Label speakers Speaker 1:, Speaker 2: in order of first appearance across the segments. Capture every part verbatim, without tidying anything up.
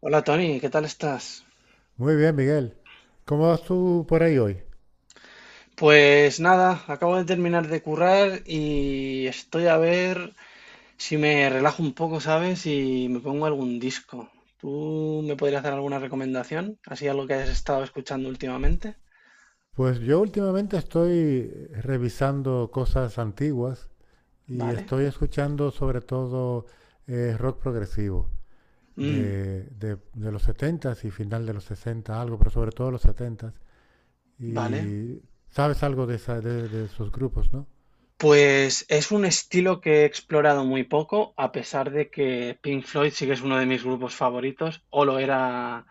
Speaker 1: Hola Tony, ¿qué tal estás?
Speaker 2: Muy bien, Miguel. ¿Cómo vas tú por ahí hoy?
Speaker 1: Pues nada, acabo de terminar de currar y estoy a ver si me relajo un poco, ¿sabes? Y me pongo algún disco. ¿Tú me podrías dar alguna recomendación? ¿Así algo que hayas estado escuchando últimamente?
Speaker 2: Pues yo últimamente estoy revisando cosas antiguas y
Speaker 1: Vale.
Speaker 2: estoy escuchando sobre todo eh, rock progresivo
Speaker 1: Mm,
Speaker 2: de, de- de los setentas y final de los sesenta, algo, pero sobre todo los setentas.
Speaker 1: vale.
Speaker 2: Y sabes algo de, esa- de, de esos grupos, ¿no?
Speaker 1: Pues es un estilo que he explorado muy poco, a pesar de que Pink Floyd sí que es uno de mis grupos favoritos, o lo era.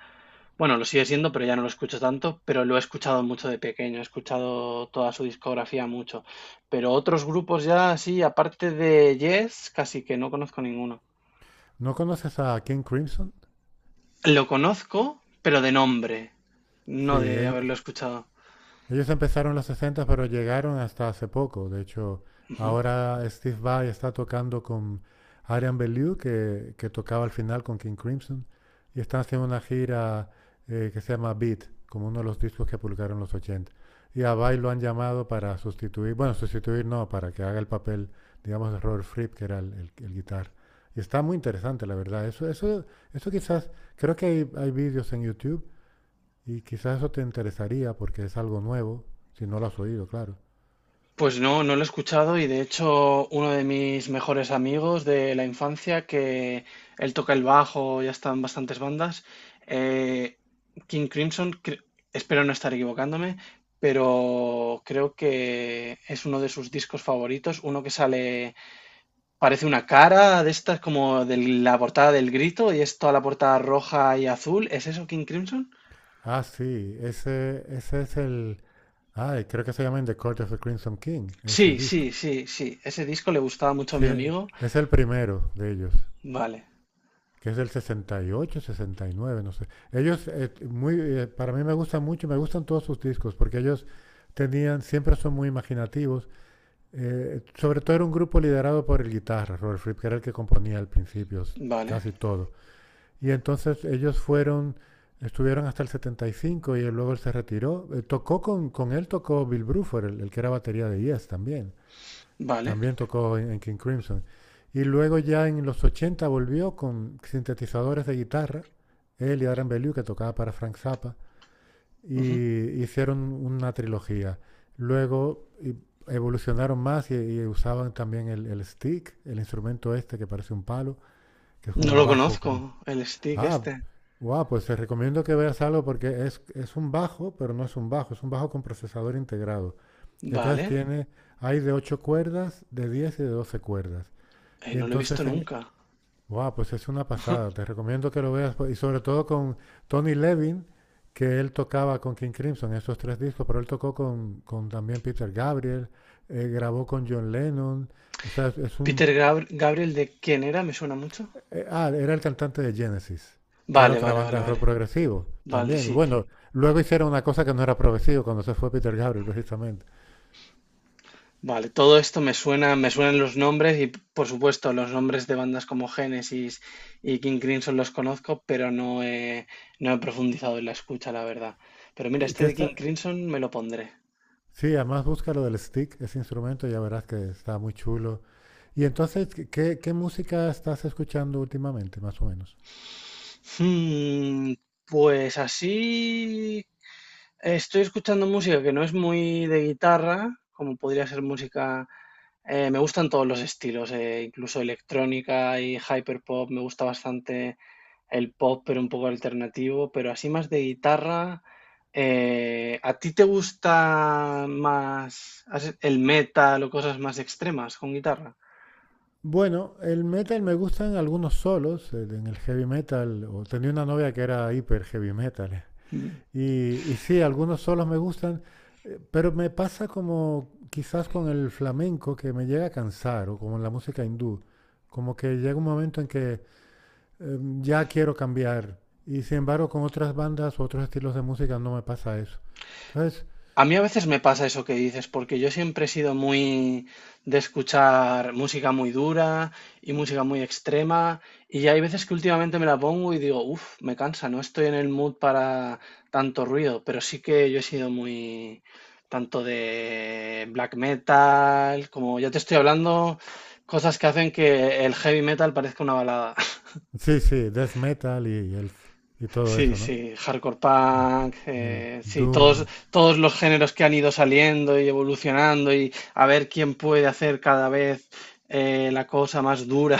Speaker 1: Bueno, lo sigue siendo, pero ya no lo escucho tanto, pero lo he escuchado mucho de pequeño, he escuchado toda su discografía mucho. Pero otros grupos ya así, aparte de Yes, casi que no conozco ninguno.
Speaker 2: ¿No conoces a King Crimson?
Speaker 1: Lo conozco, pero de nombre,
Speaker 2: Sí,
Speaker 1: no de haberlo
Speaker 2: ellos,
Speaker 1: escuchado.
Speaker 2: Ellos empezaron en los sesenta, pero llegaron hasta hace poco. De hecho, ahora Steve Vai está tocando con Arian Bellew, que, que tocaba al final con King Crimson, y están haciendo una gira eh, que se llama Beat, como uno de los discos que publicaron en los ochenta. Y a Vai lo han llamado para sustituir, bueno, sustituir no, para que haga el papel, digamos, de Robert Fripp, que era el, el, el guitar. Y está muy interesante, la verdad. Eso, eso, eso quizás, creo que hay, hay vídeos en YouTube y quizás eso te interesaría porque es algo nuevo, si no lo has oído, claro.
Speaker 1: Pues no, no lo he escuchado, y de hecho uno de mis mejores amigos de la infancia, que él toca el bajo, ya está en bastantes bandas, eh, King Crimson, cre- espero no estar equivocándome, pero creo que es uno de sus discos favoritos, uno que sale, parece una cara de estas como de la portada del Grito y es toda la portada roja y azul, ¿es eso King Crimson?
Speaker 2: Ah, sí, ese, ese es el... Ay, creo que se llama In the Court of the Crimson King, ese
Speaker 1: Sí,
Speaker 2: disco.
Speaker 1: sí, sí, sí, ese disco le gustaba mucho a
Speaker 2: Sí,
Speaker 1: mi amigo.
Speaker 2: es el primero de ellos,
Speaker 1: Vale,
Speaker 2: que es del sesenta y ocho, sesenta y nueve, no sé. Ellos, eh, muy, eh, para mí me gustan mucho, me gustan todos sus discos, porque ellos tenían, siempre son muy imaginativos. Eh, sobre todo era un grupo liderado por el guitarra, Robert Fripp, que era el que componía al principio
Speaker 1: vale,
Speaker 2: casi todo. Y entonces ellos fueron, estuvieron hasta el setenta y cinco y él luego él se retiró. Eh, tocó con, con él, tocó Bill Bruford, el, el que era batería de Yes también.
Speaker 1: vale.
Speaker 2: También tocó en, en King Crimson. Y luego ya en los ochenta volvió con sintetizadores de guitarra, él y Adrian Bellew, que tocaba para Frank Zappa,
Speaker 1: Ujú.
Speaker 2: y hicieron una trilogía. Luego evolucionaron más y, y usaban también el, el stick, el instrumento este que parece un palo, que es
Speaker 1: No
Speaker 2: como un
Speaker 1: lo
Speaker 2: bajo con,
Speaker 1: conozco, el stick
Speaker 2: ah,
Speaker 1: este.
Speaker 2: wow, pues te recomiendo que veas algo porque es, es un bajo, pero no es un bajo, es un bajo con procesador integrado. Y entonces
Speaker 1: Vale,
Speaker 2: tiene, hay de ocho cuerdas, de diez y de doce cuerdas.
Speaker 1: eh,
Speaker 2: Y
Speaker 1: no lo he visto
Speaker 2: entonces, en,
Speaker 1: nunca.
Speaker 2: wow, pues es una pasada, te recomiendo que lo veas. Pues, y sobre todo con Tony Levin, que él tocaba con King Crimson, esos tres discos, pero él tocó con, con también Peter Gabriel, eh, grabó con John Lennon. O sea, es, es un,
Speaker 1: Peter Gabr- Gabriel, ¿de quién era? Me suena mucho.
Speaker 2: Eh, ah, era el cantante de Genesis, que era
Speaker 1: Vale,
Speaker 2: otra
Speaker 1: vale,
Speaker 2: banda
Speaker 1: vale,
Speaker 2: de rock
Speaker 1: vale.
Speaker 2: progresivo
Speaker 1: Vale,
Speaker 2: también.
Speaker 1: sí.
Speaker 2: Bueno, luego hicieron una cosa que no era progresivo cuando se fue Peter Gabriel, precisamente.
Speaker 1: Vale, todo esto me suena, me suenan los nombres y por supuesto los nombres de bandas como Genesis y King Crimson los conozco, pero no he, no he profundizado en la escucha, la verdad. Pero mira,
Speaker 2: Que,
Speaker 1: este
Speaker 2: que
Speaker 1: de King
Speaker 2: está,
Speaker 1: Crimson me lo pondré.
Speaker 2: sí, además busca lo del stick, ese instrumento, ya verás que está muy chulo. Y entonces, ¿qué, qué música estás escuchando últimamente, más o menos?
Speaker 1: Hmm, pues así estoy escuchando música que no es muy de guitarra, como podría ser música... eh, me gustan todos los estilos, eh, incluso electrónica y hyperpop. Me gusta bastante el pop, pero un poco alternativo. Pero así más de guitarra. eh, ¿a ti te gusta más has- el metal o cosas más extremas con guitarra?
Speaker 2: Bueno, el metal me gustan algunos solos, eh, en el heavy metal, o tenía una novia que era hiper heavy metal, Y, y sí, algunos solos me gustan, eh, pero me pasa como quizás con el flamenco que me llega a cansar o con la música hindú, como que llega un momento en que eh, ya quiero cambiar y sin embargo con otras bandas u otros estilos de música no me pasa eso. Entonces,
Speaker 1: A mí a veces me pasa eso que dices, porque yo siempre he sido muy de escuchar música muy dura y música muy extrema, y hay veces que últimamente me la pongo y digo, uff, me cansa, no estoy en el mood para tanto ruido, pero sí que yo he sido muy tanto de black metal, como ya te estoy hablando, cosas que hacen que el heavy metal parezca una balada.
Speaker 2: sí, sí, death metal y, el, y todo
Speaker 1: Sí,
Speaker 2: eso, ¿no?
Speaker 1: sí, hardcore
Speaker 2: Sí.
Speaker 1: punk,
Speaker 2: El
Speaker 1: eh, sí, todos,
Speaker 2: doom,
Speaker 1: todos los géneros que han ido saliendo y evolucionando y a ver quién puede hacer cada vez eh, la cosa más dura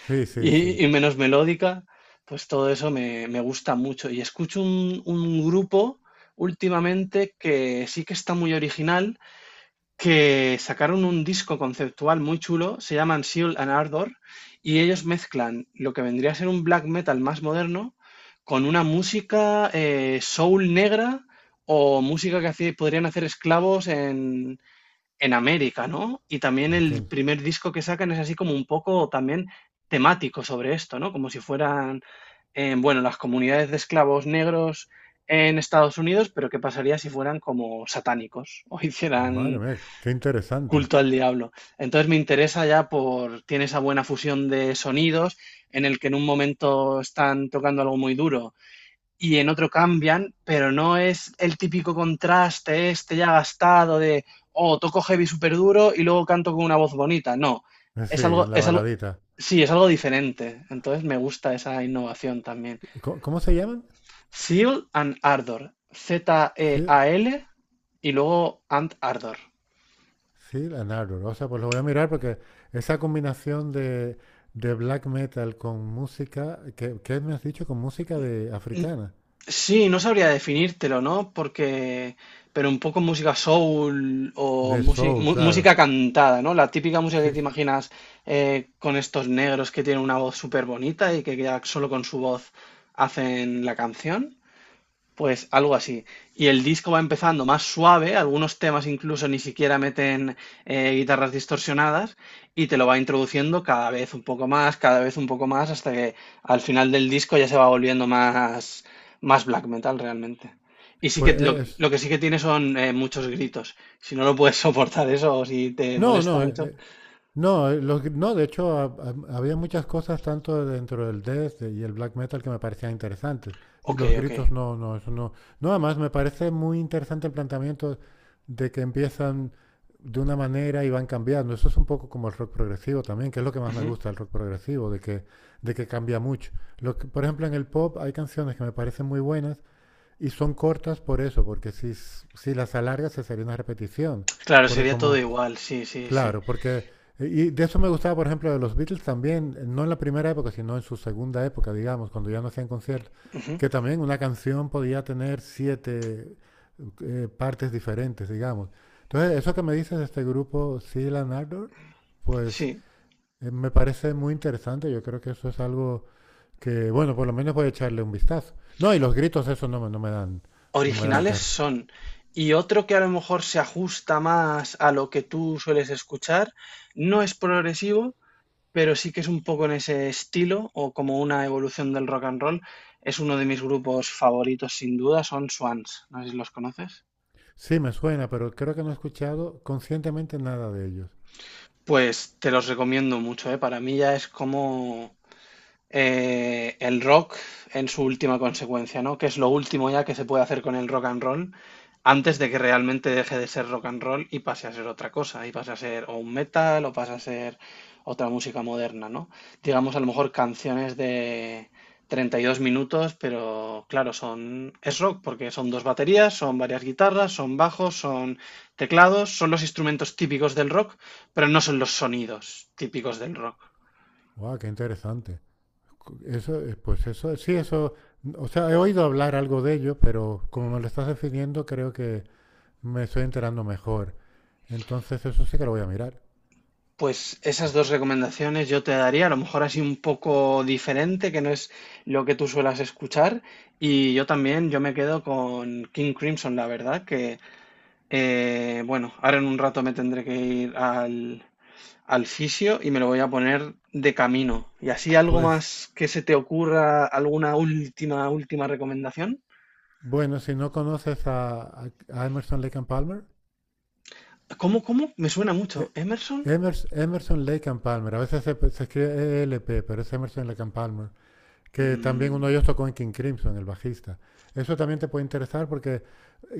Speaker 2: sí, sí, sí.
Speaker 1: y, y menos melódica, pues todo eso me, me gusta mucho. Y escucho un, un grupo últimamente que sí que está muy original, que sacaron un disco conceptual muy chulo, se llaman Seal and Ardor, y ellos mezclan lo que vendría a ser un black metal más moderno con una música eh, soul negra o música que hace- podrían hacer esclavos en, en América, ¿no? Y también
Speaker 2: Ok.
Speaker 1: el primer disco que sacan es así como un poco también temático sobre esto, ¿no? Como si fueran, eh, bueno, las comunidades de esclavos negros en Estados Unidos, pero qué pasaría si fueran como satánicos o
Speaker 2: Madre
Speaker 1: hicieran
Speaker 2: mía, qué interesante.
Speaker 1: culto al diablo. Entonces me interesa ya por, tiene esa buena fusión de sonidos en el que en un momento están tocando algo muy duro y en otro cambian, pero no es el típico contraste este ya gastado de, oh, toco heavy súper duro y luego canto con una voz bonita. No,
Speaker 2: Eh, Sí,
Speaker 1: es algo,
Speaker 2: la
Speaker 1: es algo,
Speaker 2: baladita.
Speaker 1: sí, es algo diferente. Entonces me gusta esa innovación también.
Speaker 2: ¿Cómo, cómo se llaman?
Speaker 1: Zeal and Ardor,
Speaker 2: Sí,
Speaker 1: Z-E-A-L y luego and Ardor.
Speaker 2: sí, la Narrow. O sea, pues lo voy a mirar porque esa combinación de, de black metal con música, que, ¿qué me has dicho? Con música de africana,
Speaker 1: Sí, no sabría definírtelo, ¿no? Porque, pero un poco música soul o
Speaker 2: de
Speaker 1: musi-
Speaker 2: soul,
Speaker 1: mu-
Speaker 2: claro.
Speaker 1: música cantada, ¿no? La típica música
Speaker 2: Sí,
Speaker 1: que te
Speaker 2: s-
Speaker 1: imaginas eh, con estos negros que tienen una voz súper bonita y que ya solo con su voz hacen la canción. Pues algo así. Y el disco va empezando más suave, algunos temas incluso ni siquiera meten eh, guitarras distorsionadas, y te lo va introduciendo cada vez un poco más, cada vez un poco más, hasta que al final del disco ya se va volviendo más, más black metal realmente. Y sí
Speaker 2: pues
Speaker 1: que lo,
Speaker 2: eh, es...
Speaker 1: lo que sí que tiene son eh, muchos gritos. Si no lo puedes soportar eso o si te
Speaker 2: No,
Speaker 1: molesta
Speaker 2: no,
Speaker 1: mucho.
Speaker 2: e- no, eh, los gr- no, de hecho ha- ha- había muchas cosas tanto dentro del death y el black metal que me parecían interesantes. Y
Speaker 1: Ok,
Speaker 2: los
Speaker 1: ok.
Speaker 2: gritos no, no, eso no. No, además me parece muy interesante el planteamiento de que empiezan de una manera y van cambiando. Eso es un poco como el rock progresivo también, que es lo que más me
Speaker 1: Ujú.
Speaker 2: gusta del rock progresivo, de que, de que cambia mucho. Lo que- por ejemplo, en el pop hay canciones que me parecen muy buenas y son cortas por eso, porque si, s- si las alargas se sería una repetición.
Speaker 1: Claro,
Speaker 2: Porque
Speaker 1: sería todo
Speaker 2: como...
Speaker 1: igual, sí, sí, sí.
Speaker 2: Claro, porque, y de eso me gustaba, por ejemplo, de los Beatles también, no en la primera época, sino en su segunda época, digamos, cuando ya no hacían conciertos,
Speaker 1: Ujú,
Speaker 2: que también una canción podía tener siete eh, partes diferentes, digamos. Entonces, eso que me dices de este grupo, Seal and Ardor, pues
Speaker 1: sí.
Speaker 2: eh, me parece muy interesante. Yo creo que eso es algo que, bueno, por lo menos voy a echarle un vistazo. No, y los gritos, eso no me, no me dan, no me dan
Speaker 1: Originales
Speaker 2: terror.
Speaker 1: son. Y otro que a lo mejor se ajusta más a lo que tú sueles escuchar, no es progresivo, pero sí que es un poco en ese estilo o como una evolución del rock and roll. Es uno de mis grupos favoritos sin duda, son Swans. No sé si los conoces.
Speaker 2: Sí, me suena, pero creo que no he escuchado conscientemente nada de ellos.
Speaker 1: Pues te los recomiendo mucho, ¿eh? Para mí ya es como eh, el rock en su última consecuencia, ¿no? Que es lo último ya que se puede hacer con el rock and roll antes de que realmente deje de ser rock and roll y pase a ser otra cosa, y pase a ser o un metal o pase a ser otra música moderna, ¿no? Digamos a lo mejor canciones de treinta y dos minutos, pero claro, son es rock porque son dos baterías, son varias guitarras, son bajos, son teclados, son los instrumentos típicos del rock, pero no son los sonidos típicos del rock.
Speaker 2: ¡Wow, qué interesante! Eso, eh, pues eso, sí, eso, o sea, he oído hablar algo de ello, pero como me lo estás definiendo, creo que me estoy enterando mejor. Entonces, eso sí que lo voy a mirar.
Speaker 1: Pues esas
Speaker 2: Sí.
Speaker 1: dos recomendaciones yo te daría, a lo mejor así un poco diferente, que no es lo que tú suelas escuchar. Y yo también, yo me quedo con King Crimson, la verdad, que eh, bueno, ahora en un rato me tendré que ir al, al fisio y me lo voy a poner de camino. ¿Y así algo
Speaker 2: Pues,
Speaker 1: más que se te ocurra, alguna última, última recomendación?
Speaker 2: bueno, si no conoces a, a- a Emerson Lake and Palmer,
Speaker 1: ¿Cómo, cómo? Me suena mucho.
Speaker 2: eh,
Speaker 1: ¿Emerson?
Speaker 2: Emers- Emerson Lake and Palmer, a veces se, se escribe E L P, pero es Emerson Lake and Palmer, que también uno de
Speaker 1: Mm,
Speaker 2: ellos tocó en King Crimson, el bajista. Eso también te puede interesar porque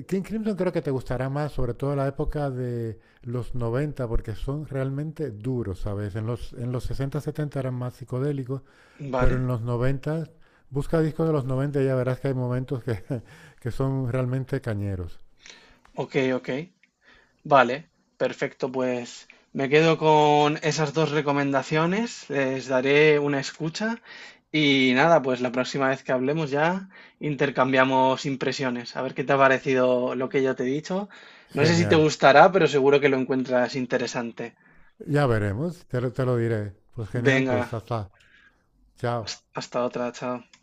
Speaker 2: King Crimson creo que te gustará más, sobre todo la época de los noventa porque son realmente duros, ¿sabes? En los, en los sesenta setenta eran más psicodélicos, pero
Speaker 1: vale,
Speaker 2: en los noventa busca discos de los noventa y ya verás que hay momentos que, que son realmente cañeros.
Speaker 1: ok, ok. Vale, perfecto. Pues me quedo con esas dos recomendaciones, les daré una escucha y nada, pues la próxima vez que hablemos ya intercambiamos impresiones, a ver qué te ha parecido lo que yo te he dicho. No sé si te
Speaker 2: Genial.
Speaker 1: gustará, pero seguro que lo encuentras interesante.
Speaker 2: Ya veremos, te lo, te lo diré. Pues genial,
Speaker 1: Venga,
Speaker 2: pues hasta. Chao.
Speaker 1: hast- hasta otra, chao.